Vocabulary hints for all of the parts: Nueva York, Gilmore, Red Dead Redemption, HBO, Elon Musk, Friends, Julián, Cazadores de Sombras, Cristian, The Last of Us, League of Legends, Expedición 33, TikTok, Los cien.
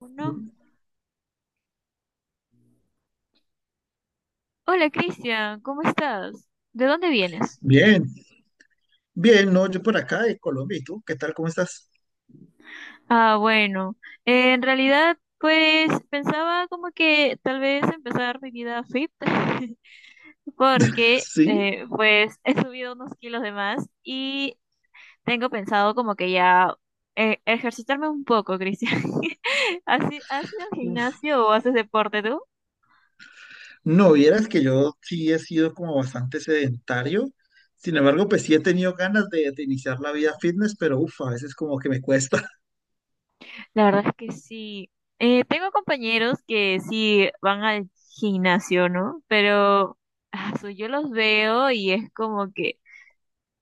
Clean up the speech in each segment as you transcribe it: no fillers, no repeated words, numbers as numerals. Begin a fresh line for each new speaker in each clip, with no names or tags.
Uno. Hola Cristian, ¿cómo estás? ¿De dónde vienes?
Bien, bien, no, yo por acá de Colombia, ¿y tú? ¿Qué tal? ¿Cómo estás?
Ah, bueno, en realidad pues pensaba como que tal vez empezar mi vida fit porque
Sí,
pues he subido unos kilos de más y tengo pensado como que ya ejercitarme un poco, Cristian. ¿ Has ido al
uf.
gimnasio o haces deporte tú?
No, vieras que yo sí he sido como bastante sedentario, sin embargo, pues sí he tenido ganas de iniciar la vida fitness, pero uff, a veces como que me cuesta.
La verdad es que sí. Tengo compañeros que sí van al gimnasio, ¿no? Pero yo los veo y es como que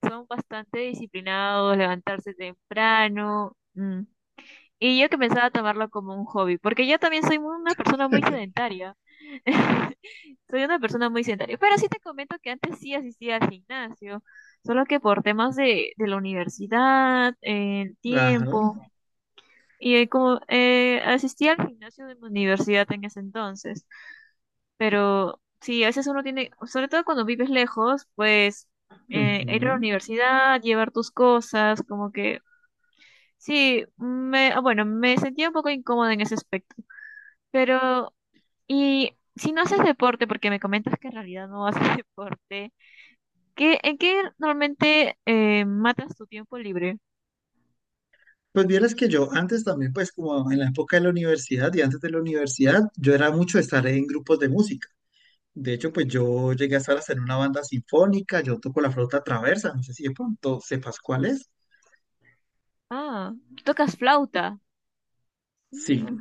son bastante disciplinados, levantarse temprano. Mm. Y yo que pensaba tomarlo como un hobby, porque yo también soy una persona muy sedentaria. Soy una persona muy sedentaria. Pero sí te comento que antes sí asistía al gimnasio, solo que por temas de la universidad, el
Ajá.
tiempo. Y como asistía al gimnasio de mi universidad en ese entonces, pero sí, a veces uno tiene, sobre todo cuando vives lejos, pues ir a la
Ujú.
universidad, llevar tus cosas, como que bueno, me sentía un poco incómoda en ese aspecto. Pero, y si no haces deporte, porque me comentas que en realidad no haces deporte, ¿ en qué normalmente matas tu tiempo libre?
Pues vieras que yo antes también, pues como en la época de la universidad y antes de la universidad, yo era mucho de estar en grupos de música. De hecho, pues yo llegué a estar hasta en una banda sinfónica, yo toco la flauta traversa, no sé si de pronto sepas cuál es.
Ah, tocas flauta.
Sí,
Ah.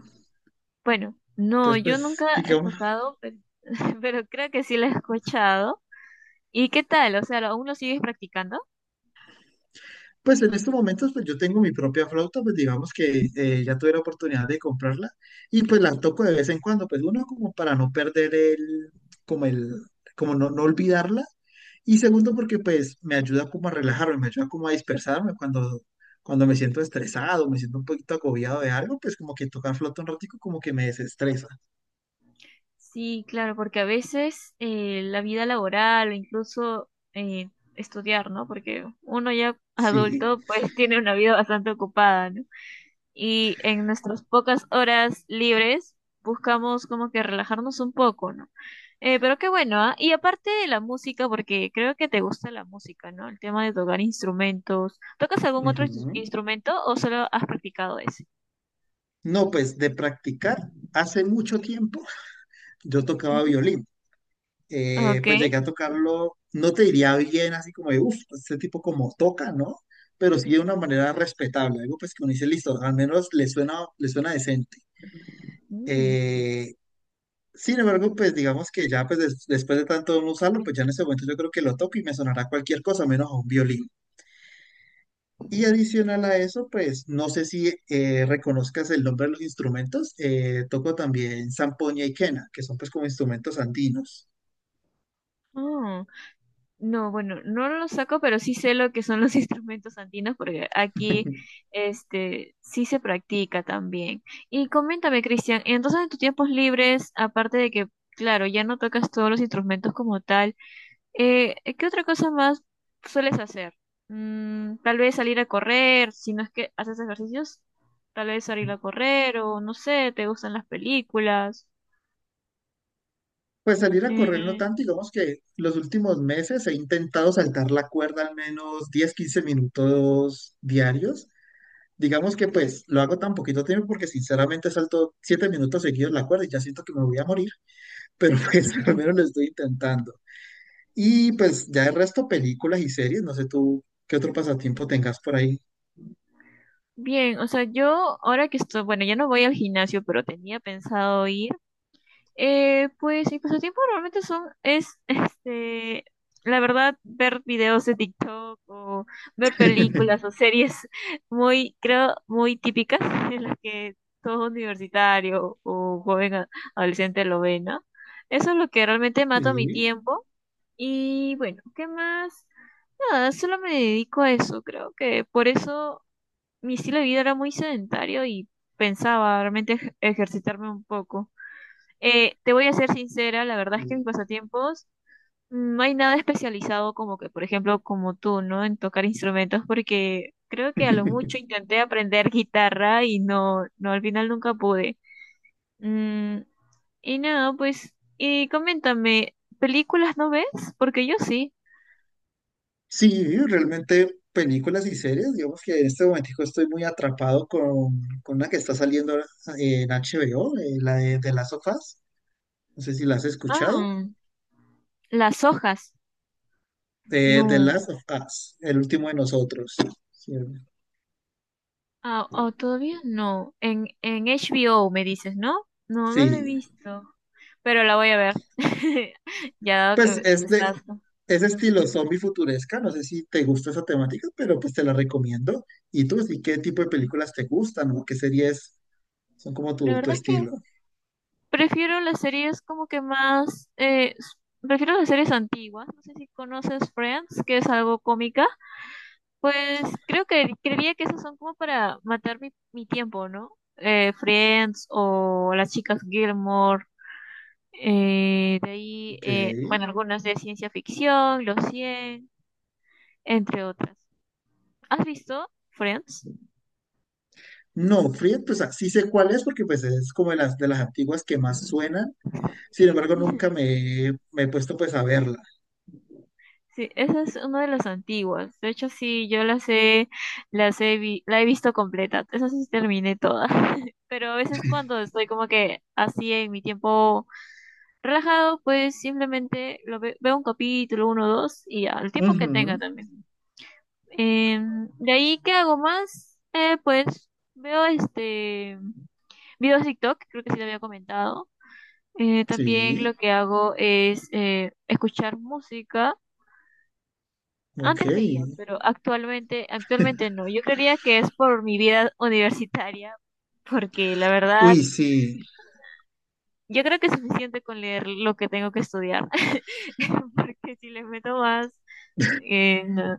Bueno, no,
entonces
yo
pues
nunca he
digamos.
tocado, pero, pero creo que sí la he escuchado. ¿Y qué tal? O sea, ¿aún lo sigues practicando?
Pues en estos momentos, pues yo tengo mi propia flauta, pues digamos que ya tuve la oportunidad de comprarla y pues la toco de vez en cuando, pues uno como para no perder el, como no olvidarla y segundo porque pues me ayuda como a relajarme, me ayuda como a dispersarme cuando me siento estresado, me siento un poquito agobiado de algo, pues como que tocar flauta un ratico como que me desestresa.
Sí, claro, porque a veces la vida laboral o incluso estudiar, ¿no? Porque uno ya
Sí.
adulto pues tiene una vida bastante ocupada, ¿no? Y en nuestras pocas horas libres buscamos como que relajarnos un poco, ¿no? Pero qué bueno, ¿ah? Y aparte de la música, porque creo que te gusta la música, ¿no? El tema de tocar instrumentos. ¿Tocas algún otro
Ujú.
instrumento o solo has practicado ese?
No, pues de practicar hace mucho tiempo yo tocaba
Ujú.
violín.
Ok.
Pues llegué a tocarlo, no te diría bien, así como de, uff, este tipo como toca, ¿no? Pero sí de una manera respetable, algo pues que uno dice, listo, al menos le suena decente.
Mm.
Eh, Sin embargo, pues digamos que ya pues después de tanto no usarlo, pues ya en ese momento yo creo que lo toco y me sonará cualquier cosa menos a un violín. Y adicional a eso, pues no sé si reconozcas el nombre de los instrumentos, toco también zampoña y quena, que son pues como instrumentos andinos.
Mm. No, bueno, no lo saco, pero sí sé lo que son los instrumentos andinos porque aquí este sí se practica también. Y coméntame, Cristian, entonces en tus tiempos libres, aparte de que, claro, ya no tocas todos los instrumentos como tal, ¿qué otra cosa más sueles hacer? Mm, tal vez salir a correr, si no es que haces ejercicios, tal vez salir a correr o no sé, te gustan las películas.
Pues salir a correr no
Eh,
tanto, digamos que los últimos meses he intentado saltar la cuerda al menos 10 15 minutos diarios. Digamos que pues lo hago tan poquito tiempo porque sinceramente salto 7 minutos seguidos la cuerda y ya siento que me voy a morir, pero pues al menos lo estoy intentando. Y pues ya el resto películas y series, no sé tú qué otro pasatiempo tengas por ahí.
Bien, o sea, yo ahora que estoy, bueno, ya no voy al gimnasio, pero tenía pensado ir. Pues mis pasatiempos realmente son, este, la verdad, ver videos de TikTok o ver películas o series muy, creo, muy típicas en las que todo universitario o joven adolescente lo ve, ¿no? Eso es lo que realmente mato mi
Sí.
tiempo. Y bueno, ¿qué más? Nada, solo me dedico a eso, creo que por eso mi estilo de vida era muy sedentario y pensaba realmente ejercitarme un poco. Te voy a ser sincera, la verdad es que mis pasatiempos no hay nada especializado como que, por ejemplo, como tú, ¿no? En tocar instrumentos, porque creo que a lo mucho intenté aprender guitarra y no, al final nunca pude. Mm, y nada, pues, y coméntame, ¿películas no ves? Porque yo sí.
Sí, realmente películas y series, digamos que en este momentico estoy muy atrapado con una que está saliendo ahora en HBO, la de The Last of Us, no sé si la has escuchado,
Ah, las hojas.
de The
No.
Last of Us, El último de nosotros. Sí,
Ah, oh, todavía no. En HBO me dices, ¿no? No, no lo he
sí,
visto. Pero la voy a ver. Ya dado
pues
que
es de
estás.
ese estilo zombie futuresca, no sé si te gusta esa temática, pero pues te la recomiendo. ¿Y tú, sí, qué tipo de
Ujú.
películas te gustan o qué series son como
La
tu
verdad es que
estilo?
prefiero las series como que más. Prefiero las series antiguas. No sé si conoces Friends, que es algo cómica. Pues creo que creería que esas son como para matar mi tiempo, ¿no? Friends o las chicas Gilmore. Eh, de ahí,
Ok.
eh, bueno, algunas de ciencia ficción, Los cien entre otras. ¿Has visto Friends?
No, Free, pues ah, sí sé cuál es porque pues es como de de las antiguas que más suenan. Sin embargo, nunca me, he- me he puesto pues a verla.
Sí, esa es una de las antiguas. De hecho, sí, yo las he vi- la he visto completa. Esa sí terminé toda. Pero a veces cuando estoy como que así en mi tiempo relajado, pues simplemente veo un capítulo, uno o dos, y ya, el tiempo que tenga
Ujú,
también. Em, de ahí, ¿qué hago más? Pues veo este. Videos de TikTok, creo que sí lo había comentado. También lo
sí,
que hago es escuchar música.
ok.
Antes leía, pero actualmente no. Yo creería que es por mi vida universitaria, porque la verdad,
Uy, sí.
yo creo que es suficiente con leer lo que tengo que estudiar, porque si les meto más, no.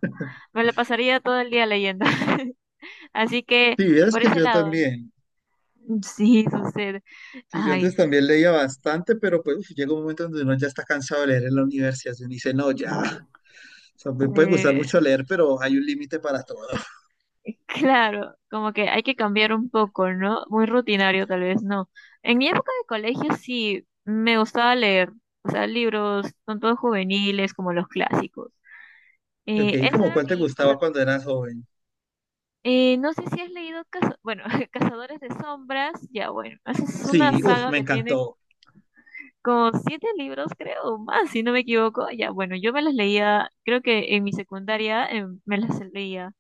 Me la pasaría todo el día leyendo. Así que
Si vieras
por
que
ese
yo
lado, ¿no?
también.
Sí sucede.
Sí, yo
Ay,
antes también leía bastante, pero pues uf, llega un momento donde uno ya está cansado de leer en la universidad. Y uno dice, no, ya. O sea, me puede gustar
sí.
mucho leer, pero hay un límite para todo.
Claro, como que hay que cambiar un poco, ¿no? Muy rutinario tal vez, no. En mi época de colegio sí me gustaba leer, o sea, libros, tanto juveniles como los clásicos.
Ok,
Esa
¿como
era
cuál te
mi
gustaba
pasa-
cuando eras joven?
No sé si has leído, bueno, Cazadores de Sombras, ya bueno, esa es una
Sí, uf,
saga
me
que tiene
encantó.
como siete libros, creo, o más, si no me equivoco. Ya bueno, yo me las leía, creo que en mi secundaria em, me las leía.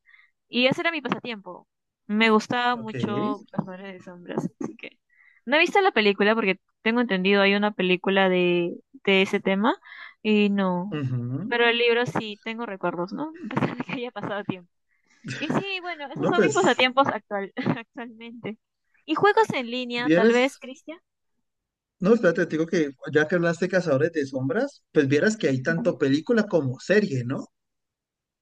Y ese era mi pasatiempo. Me gustaba
Ok.
mucho Cazadores de Sombras, así que no he visto la película porque tengo entendido hay una película de ese tema y no.
Ujú.
Pero el libro sí tengo recuerdos, ¿no? A pesar de que haya pasado tiempo. Y sí, bueno, esos
No,
son
pues,
actualmente. ¿Y juegos en línea, tal vez,
vieras.
Cristian?
No, espérate, te digo que ya que hablaste de Cazadores de Sombras, pues vieras que hay tanto
Ujú.
película como serie, ¿no?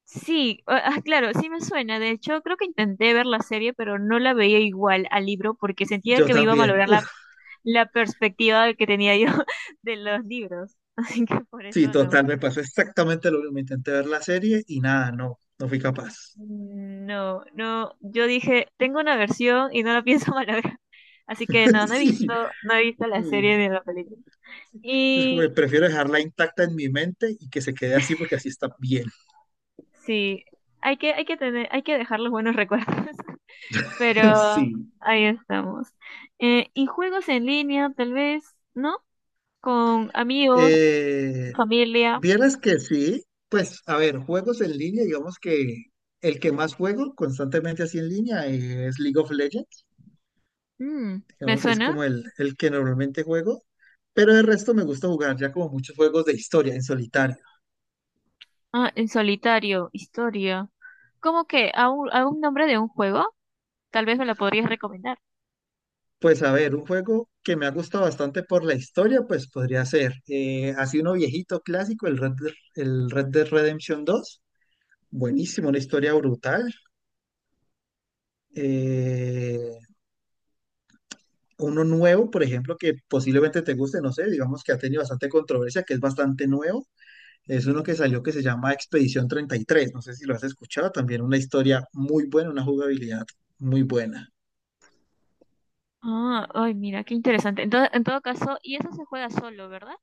Sí, ah, ah, claro, sí me suena. De hecho, creo que intenté ver la serie, pero no la veía igual al libro porque sentía
Yo
que me iba a
también.
malograr
Uf,
la perspectiva que tenía yo de los libros. Así que por
sí,
eso no.
total, me pasó exactamente lo mismo. Intenté ver la serie y nada, no, no fui capaz.
No, no, yo dije, tengo una versión y no la pienso malograr. Así que
Sí, sí,
no he visto la serie ni la película.
es como que
Y
prefiero dejarla intacta en mi mente y que se quede así porque así está bien.
sí, hay que dejar los buenos recuerdos. Pero
Sí.
ahí estamos. Y juegos en línea, tal vez, ¿no? Con amigos,
Eh,
familia.
Vieras que sí, pues a ver, juegos en línea, digamos que el que más juego constantemente así en línea es League of Legends.
Mm, ¿me
Digamos que es
suena?
como el que normalmente juego, pero de resto me gusta jugar ya como muchos juegos de historia en solitario.
Ah, en solitario, historia. ¿Cómo que? ¿ A un nombre de un juego? Tal vez me lo podrías recomendar.
Pues a ver, un juego que me ha gustado bastante por la historia, pues podría ser así uno viejito clásico, el Red Dead Redemption 2. Buenísimo, una historia brutal.
Mm,
Eh, Uno nuevo, por ejemplo, que posiblemente te guste, no sé, digamos que ha tenido bastante controversia, que es bastante nuevo. Es uno que salió que se llama Expedición 33. No sé si lo has escuchado. También una historia muy buena, una jugabilidad muy buena.
ah, ay, mira, qué interesante. Entonces, en todo caso, y eso se juega solo, ¿verdad?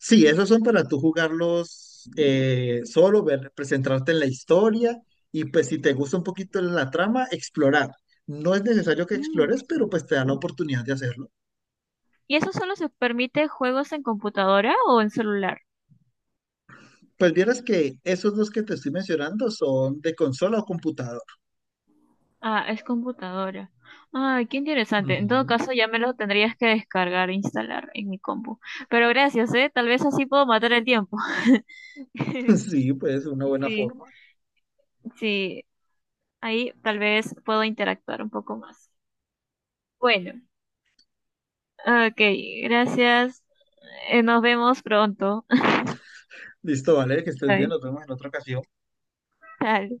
Sí, esos son para tú jugarlos solo, ver, presentarte en la historia y pues si te gusta un poquito la trama, explorar. No es necesario que
Mm.
explores, pero pues te da la oportunidad de hacerlo.
¿Y eso solo se permite juegos en computadora o en celular?
Pues vieras que esos dos que te estoy mencionando son de consola o computador.
Ah, es computadora. Ay, qué interesante. En todo
Ujú.
caso, ya me lo tendrías que descargar e instalar en mi compu. Pero gracias, ¿eh? Tal vez así puedo matar el tiempo.
Sí, pues una buena
Sí,
forma.
sí. Ahí tal vez puedo interactuar un poco más. Bueno, ok, gracias. Nos vemos pronto.
Listo, vale, que estés bien.
Bye.
Nos vemos en otra ocasión.
Tal.